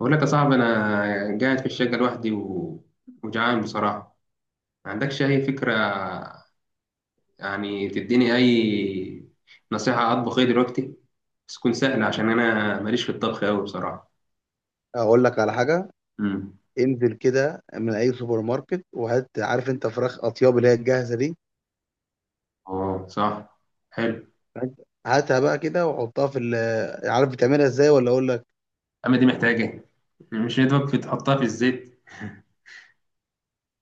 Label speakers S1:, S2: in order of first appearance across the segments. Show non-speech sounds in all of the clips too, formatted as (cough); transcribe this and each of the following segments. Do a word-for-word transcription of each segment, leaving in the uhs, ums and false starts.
S1: بقول لك يا صاحبي، انا قاعد في الشقه لوحدي و- وجعان بصراحه. ما عندكش اي فكره؟ يعني تديني اي نصيحه، اطبخ ايه دلوقتي؟ بس تكون سهله عشان انا ماليش في الطبخ قوي بصراحه.
S2: اقول لك على حاجه.
S1: امم.
S2: انزل كده من اي سوبر ماركت وهات، عارف انت فراخ اطياب اللي هي الجاهزه دي،
S1: اه صح. حلو.
S2: هات- هاتها بقى كده وحطها في ال- عارف بتعملها ازاي ولا اقول لك؟
S1: اما دي محتاجه إيه؟ مش يدوب تحطها في الزيت.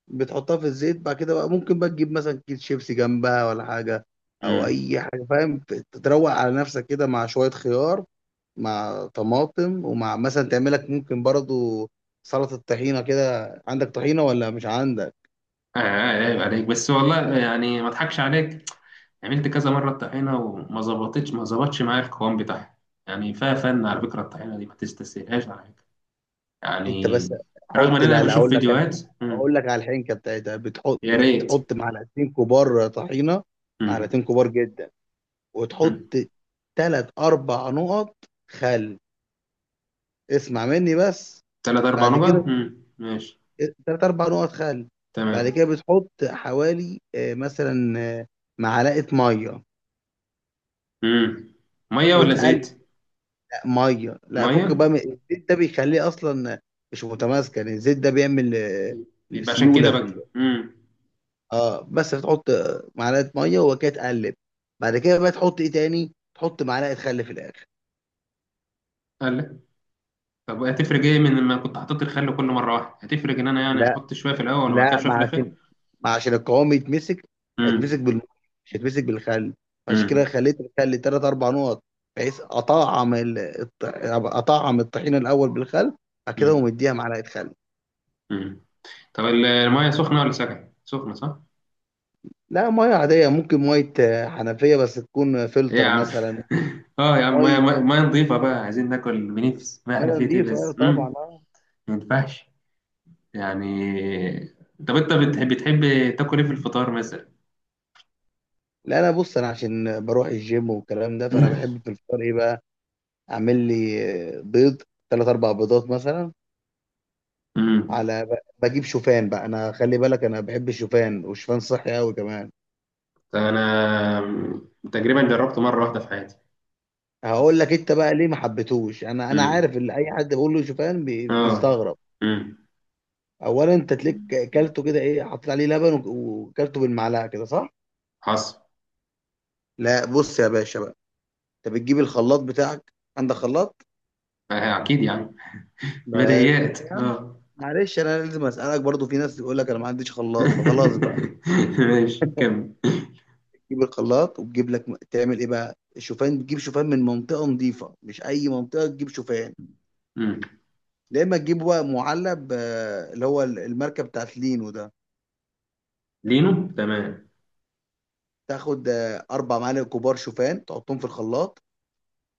S2: بتحطها في الزيت، بعد كده بقى ممكن بقى تجيب مثلا كيس شيبسي جنبها ولا حاجه، او
S1: امم.
S2: اي حاجه فاهم. تروق على نفسك كده مع شويه خيار، مع طماطم، ومع مثلا تعملك ممكن برضو سلطه طحينه كده. عندك طحينه ولا مش عندك؟
S1: آه آه، عيب عليك بس والله، يعني ما اضحكش عليك. عملت كذا مره الطحينه وما ظبطتش ما ظبطش معايا القوام بتاعها. يعني فيها فن على فكره، الطحينه دي ما تستسهلهاش على فكرة.
S2: انت
S1: يعني
S2: بس
S1: رغم ان
S2: حط،
S1: انا
S2: لا لا
S1: بشوف
S2: اقول لك انا.
S1: فيديوهات.
S2: اقول
S1: مم.
S2: لك على الحنكه بتاعتها، بتحط
S1: يا ريت.
S2: بتحط معلقتين كبار طحينه،
S1: مم.
S2: معلقتين كبار جدا، وتحط
S1: مم.
S2: ثلاث اربع نقط خل. اسمع مني بس.
S1: تلات اربع
S2: بعد
S1: نقط.
S2: كده
S1: مم. ماشي.
S2: ثلاث اربع نقط خل. بعد
S1: تمام.
S2: كده بتحط حوالي، آه، مثلا آه، معلقه ميه
S1: مم. ميه ولا
S2: وتقلق.
S1: زيت؟
S2: ميه، لا
S1: ميه.
S2: فك بقى من- الزيت ده بيخليه اصلا مش متماسك، يعني الزيت ده بيعمل آه،
S1: يبقى عشان كده
S2: سيوله في.
S1: بقى. امم.
S2: اه بس بتحط معلقه ميه وكده تقلب. بعد كده بقى تحط ايه تاني؟ تحط معلقه خل في الاخر.
S1: قال لك، طب هتفرق ايه من لما كنت حطيت الخل كل مره واحده؟ هتفرق ان انا يعني
S2: لا
S1: احط شويه في الاول وبعد كده
S2: لا،
S1: شويه
S2: ما
S1: في
S2: عشان
S1: الاخر؟
S2: ما عشان القوام يتمسك، هيتمسك
S1: امم.
S2: بال مش هيتمسك بالخل، عشان كده
S1: امم.
S2: خليت الخل تلات اربع نقط. بحيث اطعم ال... الط- اطعم الطحينه الاول بالخل، بعد كده
S1: امم.
S2: ومديها معلقه خل.
S1: امم. طب ال- الميه سخنه ولا سخنه سخنه، صح؟
S2: لا ميه عاديه، ممكن ميه آه، حنفيه بس تكون
S1: ايه يا
S2: فلتر
S1: عم!
S2: مثلا،
S1: (laughs) اه يا
S2: او
S1: عم، ميه
S2: ميه،
S1: ميه مية نظيفه بقى، عايزين ناكل بنفس ما احنا
S2: ميه
S1: فيه ايه
S2: نظيفه
S1: بس.
S2: طبعا
S1: امم.
S2: آه.
S1: ما ينفعش يعني. طب انت بتحب بتحب تاكل ايه في الفطار مثلا؟
S2: لا انا، بص، انا عشان بروح الجيم والكلام ده، فانا بحب
S1: (laughs)
S2: في الفطار ايه بقى؟ اعمل لي آه، بيض، ثلاث اربع بيضات مثلا،
S1: امم.
S2: على ب- بجيب شوفان بقى. انا خلي بالك، انا بحب الشوفان، والشوفان صحي قوي كمان.
S1: انا تقريبا جربته مره واحده في حياتي.
S2: هقول
S1: بس.
S2: لك انت بقى ليه ما حبيتهوش، انا انا
S1: امم.
S2: عارف ان اي حد بقول له شوفان بي-
S1: اه.
S2: بيستغرب.
S1: امم.
S2: اولا انت تلاقيك كلته كده، ايه حطيت عليه لبن وك- وكلته بالمعلقه كده صح؟
S1: حصل.
S2: لا بص يا باشا بقى، انت بتجيب الخلاط بتاعك. عندك خلاط؟
S1: آه، اكيد يعني،
S2: بس
S1: بديهيات
S2: يا عم،
S1: اه.
S2: معلش انا لازم اسالك، برضو في ناس تقول لك انا ما عنديش خلاط فخلاص بقى.
S1: (laughs) ماشي كمل.
S2: تجيب الخلاط وتجيب لك، تعمل ايه بقى الشوفان؟ تجيب شوفان من منطقه نظيفه، مش اي منطقه تجيب شوفان.
S1: امم.
S2: يا اما تجيب بقى معلب آه، اللي هو الماركه بتاعت لينو ده.
S1: لينو، تمام.
S2: تاخد آه، اربع معالق كبار شوفان، تحطهم في الخلاط.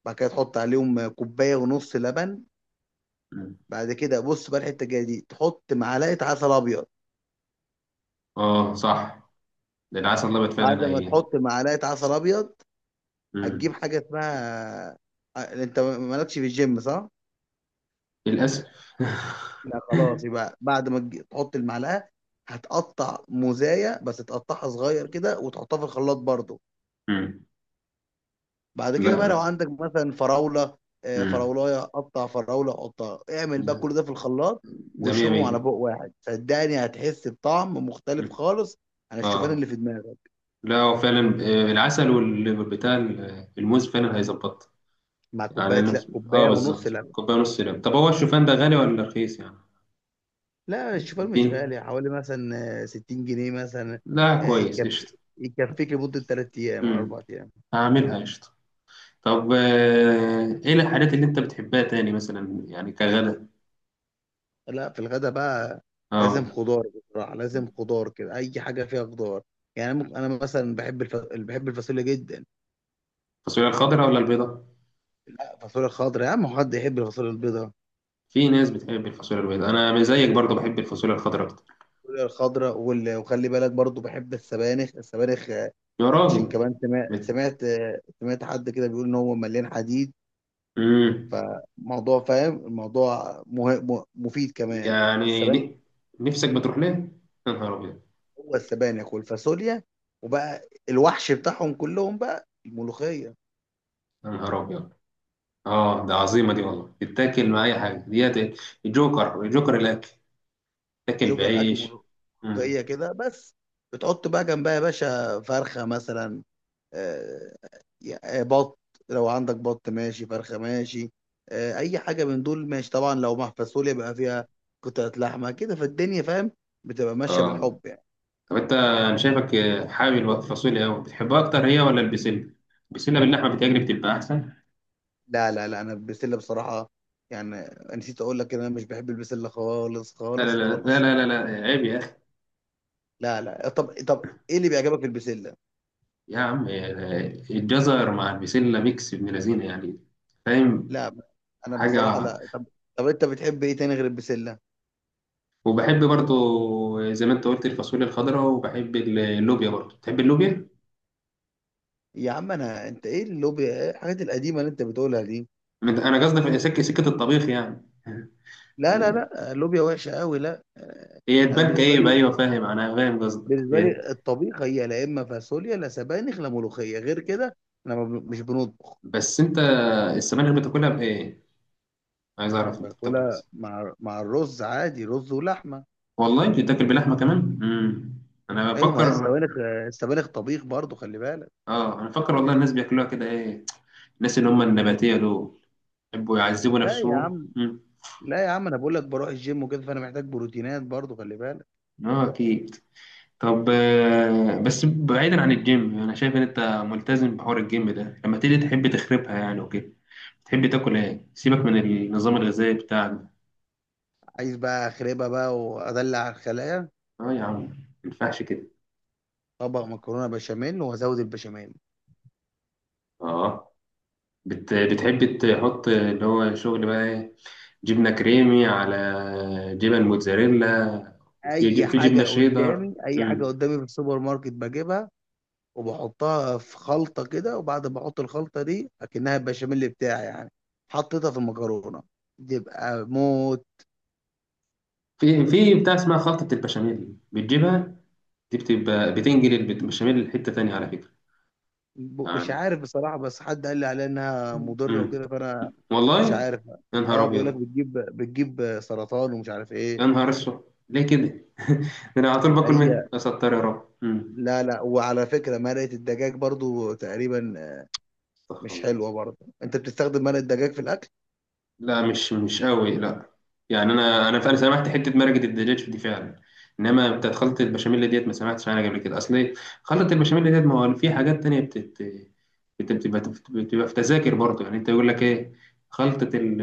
S2: بعد كده تحط عليهم آه، كوبايه ونص لبن.
S1: امم.
S2: بعد كده بص بقى الحته الجايه دي، تحط معلقه عسل ابيض.
S1: اه صح، ده العسل الابيض
S2: بعد
S1: فعلا
S2: ما
S1: ايه.
S2: تحط معلقه عسل ابيض،
S1: امم.
S2: هتجيب حاجة اسمها آه، انت مالكش في الجيم صح؟
S1: للاسف.
S2: لا خلاص،
S1: (laughs)
S2: يبقى بعد ما تجي- تحط المعلقة، هتقطع موزاية، بس تقطعها صغير كده وتحطها في الخلاط برضو.
S1: امم.
S2: بعد كده بقى لو
S1: لا.
S2: عندك مثلا فراولة، آه،
S1: امم.
S2: فراولاية قطع، فراولة قطع، اعمل بقى كل ده في الخلاط،
S1: ده مية
S2: واشربهم على بوق
S1: مية.
S2: واحد. صدقني هتحس بطعم مختلف
S1: مم.
S2: خالص عن الشوفان اللي
S1: اه،
S2: في دماغك.
S1: لا هو فعلا آه، العسل وال- والبتاع ال- الموز فعلا هيظبط.
S2: مع كوباية،
S1: يعني
S2: لا،
S1: أنا- اه
S2: كوباية ونص
S1: بالظبط
S2: لبن.
S1: كوبايه ونص لب. طب هو الشوفان ده غالي ولا رخيص يعني؟
S2: لا الشوفان
S1: دي.
S2: مش غالي، حوالي مثلا آه، ستين جنيه مثلا،
S1: لا
S2: آه،
S1: كويس،
S2: يكفي،
S1: قشطه.
S2: يكفيك لمدة تلات أيام ولا
S1: امم.
S2: أربع أيام.
S1: هعملها قشطه. طب آه، ايه الحاجات اللي انت بتحبها تاني مثلا يعني، كغدا؟
S2: لا في الغدا بقى لازم
S1: اه.
S2: خضار، بصراحة لازم خضار كده، أي حاجة فيها خضار. يعني ممكن أنا مثلا بحب الف... بحب الفاصوليا جدا.
S1: الفاصوليا الخضراء ولا البيضاء؟
S2: الفاصوليا الخضراء يا عم، هو حد يحب الفاصوليا البيضاء؟
S1: في ناس بتحب الفاصوليا البيضاء. انا زيك برضه بحب الفاصوليا الخضراء اكتر.
S2: الفاصوليا الخضراء وال... وخلي بالك برضو بحب السبانخ. السبانخ آه،
S1: يا
S2: عشان
S1: راجل!
S2: كمان، سمعت
S1: بت...
S2: سمعت آه، سمعت حد كده بيقول إن هو مليان حديد،
S1: امم.
S2: فموضوع فاهم الموضوع مه... م- مفيد كمان
S1: يعني
S2: السبانخ.
S1: ن... نفسك بتروح ليه؟ يا نهار ابيض!
S2: هو السبانخ والفاصوليا، وبقى الوحش بتاعهم كلهم بقى الملوخيه.
S1: يا نهار ابيض! اه، ده عظيمه دي والله، تتاكل مع اي حاجه ديت. الجوكر، الجوكر الاكل. تاكل
S2: جوجر اكل،
S1: بعيش. امم.
S2: ملوخيه كده بس، بتحط بقى جنبها يا باشا فرخه مثلا، آه، آه، بط، لو عندك بط ماشي، فرخه ماشي، آه، اي حاجه من دول ماشي طبعا. لو مع فاصوليا بقى فيها قطعه لحمه كده، فالدنيا فاهم بتبقى ماشيه
S1: اه.
S2: بالحب يعني.
S1: طب انت انا شايفك حابب الفاصوليا قوي، بتحبها اكتر هي ولا البسله؟ البسله باللحمه بتجري بتبقى احسن.
S2: لا لا لا، انا البسله بصراحه، يعني نسيت اقول لك ان انا مش بحب البسله خالص
S1: لا لا
S2: خالص
S1: لا لا
S2: خالص.
S1: لا لا، لا. عيب يا اخي.
S2: لا لا، طب طب ايه اللي بيعجبك في البسله؟
S1: يا عم، الجزر مع البسله ميكس ابن لذينه يعني، فاهم؟
S2: لا انا بصراحه
S1: حاجه.
S2: لا. طب، طب انت بتحب ايه تاني غير البسله؟
S1: وبحب برضو زي ما انت قلت الفاصوليا الخضراء، وبحب اللوبيا برضو. تحب اللوبيا؟
S2: يا عم انا انت ايه اللوبيا، ايه الحاجات القديمه اللي انت بتقولها دي؟
S1: انا قصدي في سكه سكه الطبيخ يعني.
S2: لا لا لا، اللوبيا وحشه قوي لا.
S1: هي
S2: انا
S1: تبان
S2: بالنسبه
S1: كئيبة،
S2: لي،
S1: أيوة، فاهم، أنا فاهم قصدك.
S2: بالنسبه
S1: هي
S2: لي الطبيخ هي لا اما فاصوليا، لا سبانخ، لا ملوخيه، غير كده انا ما ب- مش بنطبخ.
S1: بس أنت، السبانخ بتاكلها بإيه؟ عايز أعرف أنت بتاكل
S2: باكلها
S1: بس.
S2: مع مع الرز عادي، رز ولحمه.
S1: والله بتاكل بلحمة كمان؟ مم. أنا
S2: ايوه ما هي
S1: بفكر.
S2: السبانخ، السبانخ طبيخ برضو خلي بالك.
S1: آه أنا بفكر والله، الناس بياكلوها كده إيه؟ الناس اللي هم النباتية دول يحبوا يعذبوا
S2: لا يا
S1: نفسهم.
S2: عم،
S1: مم.
S2: لا يا عم، انا بقول لك بروح الجيم وكده، فانا محتاج بروتينات برضو خلي بالك.
S1: آه أكيد. طب آه، بس بعيدا عن الجيم، أنا شايف إن أنت ملتزم بحوار الجيم ده، لما تيجي تحب تخربها يعني وكده، تحب تاكل إيه؟ سيبك من النظام الغذائي بتاعك ده.
S2: عايز بقى اخربها بقى وادلع الخلايا،
S1: آه يا عم، ما ينفعش كده.
S2: طبق مكرونه بشاميل وازود البشاميل.
S1: اه بت... بتحب تحط اللي هو شغل بقى ايه، جبنة كريمي، على جبن موتزاريلا، وفي
S2: اي
S1: ج... في
S2: حاجه
S1: جبنة شيدر.
S2: قدامي، اي حاجه
S1: مم.
S2: قدامي في السوبر ماركت بجيبها، وبحطها في خلطه كده، وبعد ما احط الخلطه دي اكنها البشاميل بتاعي يعني، حطيتها في المكرونه تبقى موت.
S1: في في بتاع اسمها خلطة البشاميل بتجيبها دي، بتبقى بتنجل البشاميل لحتة تانية على فكرة
S2: ب- مش
S1: يعني.
S2: عارف بصراحه، بس حد قال لي عليها انها مضره
S1: مم.
S2: وكده، فانا
S1: والله!
S2: مش عارف.
S1: يا
S2: اه،
S1: نهار
S2: بيقول لك
S1: أبيض!
S2: بتجيب بتجيب سرطان ومش عارف
S1: يا
S2: ايه.
S1: نهار أسود! ليه كده؟ (laughs) ده أنا على طول باكل منها،
S2: هي،
S1: أستر يا رب. مم.
S2: لا لا، وعلى فكره مرقه الدجاج برضو تقريبا
S1: استغفر
S2: مش
S1: الله.
S2: حلوة برضه. انت بتستخدم مرق الدجاج في الاكل؟
S1: لا مش مش قوي لا. يعني انا انا فعلا سمعت حته مرقه الدجاج دي فعلا. انما بتاعت خلطه البشاميل ديت، ما سمعتش عنها قبل كده. اصل إيه؟ خلطه البشاميل ديت، ما هو في حاجات تانية بتت... بت- بتبقى بتبقى في تذاكر برضه يعني. انت يقول لك ايه، خلطه ال...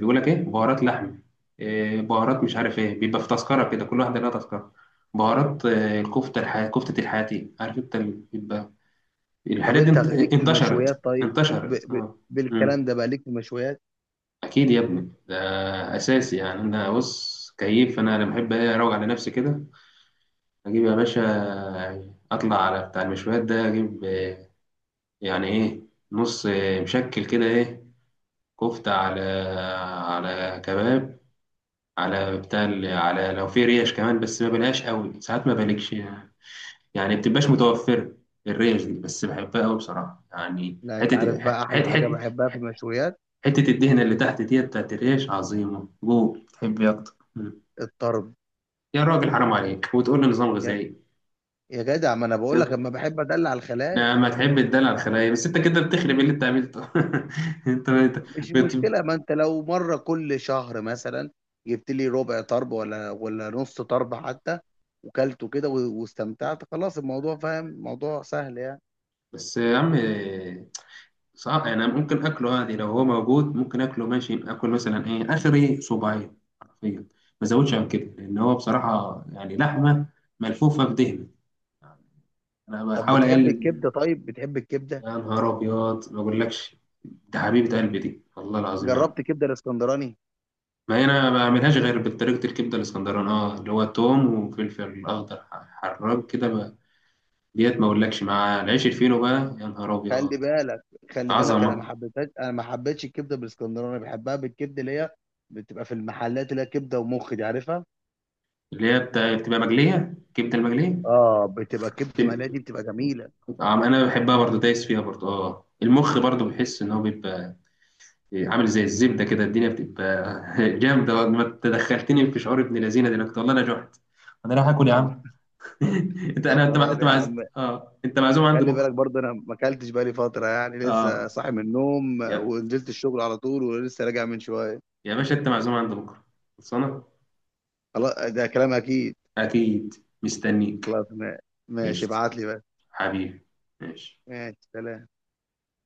S1: بيقول لك ايه، بهارات لحم، إيه، بهارات مش عارف ايه، بيبقى في تذكره كده، كل واحده لها تذكره. بهارات آه، الكفته الح... كفته الحياتي، عارف انت ال- بيبقى
S2: طب
S1: الحاجات دي.
S2: انت
S1: انت-
S2: ليك في
S1: انتشرت
S2: المشويات طيب، ب...
S1: انتشرت
S2: ب...
S1: اه.
S2: بالكلام ده بقى ليك في المشويات؟
S1: اكيد يا ابني، ده اساسي يعني. انا بص كيف، انا انا بحب إيه، اروق على نفسي كده، اجيب يا باشا، اطلع على بتاع المشويات ده، اجيب آه، يعني ايه، نص آه، مشكل كده ايه، كفته على على كباب، على بتاع ال- على لو في ريش كمان، بس ما بلاش قوي ساعات، ما بلكش يعني. يعني بتبقاش متوفره الريش دي، بس بحبها قوي بصراحه، يعني
S2: لا انت
S1: حته
S2: عارف بقى احلى
S1: حته
S2: حاجة
S1: حته.
S2: بحبها في المشويات؟
S1: حته الدهنه اللي تحت ديت بتاعت الريش عظيمه. جول، تحب إيه اكتر؟
S2: الطرب.
S1: يا راجل، حرام عليك! وتقول لي نظام
S2: يا,
S1: غذائي.
S2: يا جدع، ما انا بقول لك اما بحب ادلع الخلايا،
S1: لما تحب الدلع الخلايا، بس انت كده بتخرب اللي انت عملته. (laughs) انت انت
S2: مش
S1: بت...
S2: مشكلة. ما انت لو مرة كل شهر مثلا جبت لي ربع طرب ولا ولا نص طرب حتى، وكلته كده و- واستمتعت، خلاص الموضوع فاهم، موضوع سهل يعني.
S1: بس يا عم. صح انا ممكن اكله عادي لو هو موجود، ممكن اكله ماشي، اكل مثلا ايه اخري، صباعين حرفيا، ما زودش عن كده، لان هو بصراحه يعني لحمه ملفوفه بدهن. انا
S2: طب
S1: بحاول
S2: بتحب
S1: اقلل.
S2: الكبدة؟ طيب بتحب الكبدة؟
S1: يا نهار ابيض، ما اقولكش! ده حبيبه قلبي دي والله العظيم، يا.
S2: جربت كبدة الاسكندراني؟
S1: ما هي انا ما بعملهاش غير بطريقه الكبده الاسكندراني، اه اللي هو توم وفلفل اخضر ح- حراج كده بقى. ديت ما اقولكش مع العيش الفينو بقى. يا نهار
S2: خلي
S1: ابيض!
S2: بالك، خلي بالك انا ما
S1: عظمه.
S2: حبيتهاش انا ما حبيتش الكبده بالاسكندراني، بحبها بالكبده اللي هي بتبقى في المحلات، اللي هي كبده ومخ دي عارفها؟
S1: اللي هي بتا- بتبقى مقليه، كبده المقليه.
S2: اه بتبقى كبده مقليه،
S1: بتبقى-
S2: دي بتبقى جميله.
S1: طعم. انا بحبها برضه، دايس فيها برضه اه. المخ برضه بحس ان هو بيبقى عامل زي الزبده كده، الدنيا بتبقى (laughs) جامده. ما تدخلتني في شعور ابن لذينه دلوقتي والله، انا جعت. انا رايح اكل يا
S2: طب
S1: عم. (laughs) انت،
S2: طب
S1: انا انت مع...
S2: خلاص
S1: انت
S2: يا
S1: معز...
S2: عم،
S1: اه، انت معزوم عندي
S2: خلي بالك
S1: بكره.
S2: برضه انا ما اكلتش بقالي فتره، يعني لسه
S1: اه
S2: صاحي من النوم ونزلت الشغل على طول ولسه راجع من شويه.
S1: يا باشا، انت معزوم عند بكره. خلصانه.
S2: خلاص ده كلام اكيد.
S1: اكيد. مستنيك.
S2: خلاص ما- ماشي،
S1: قشطه.
S2: ابعت لي بقى.
S1: حبيبي. ماشي.
S2: ماشي سلام.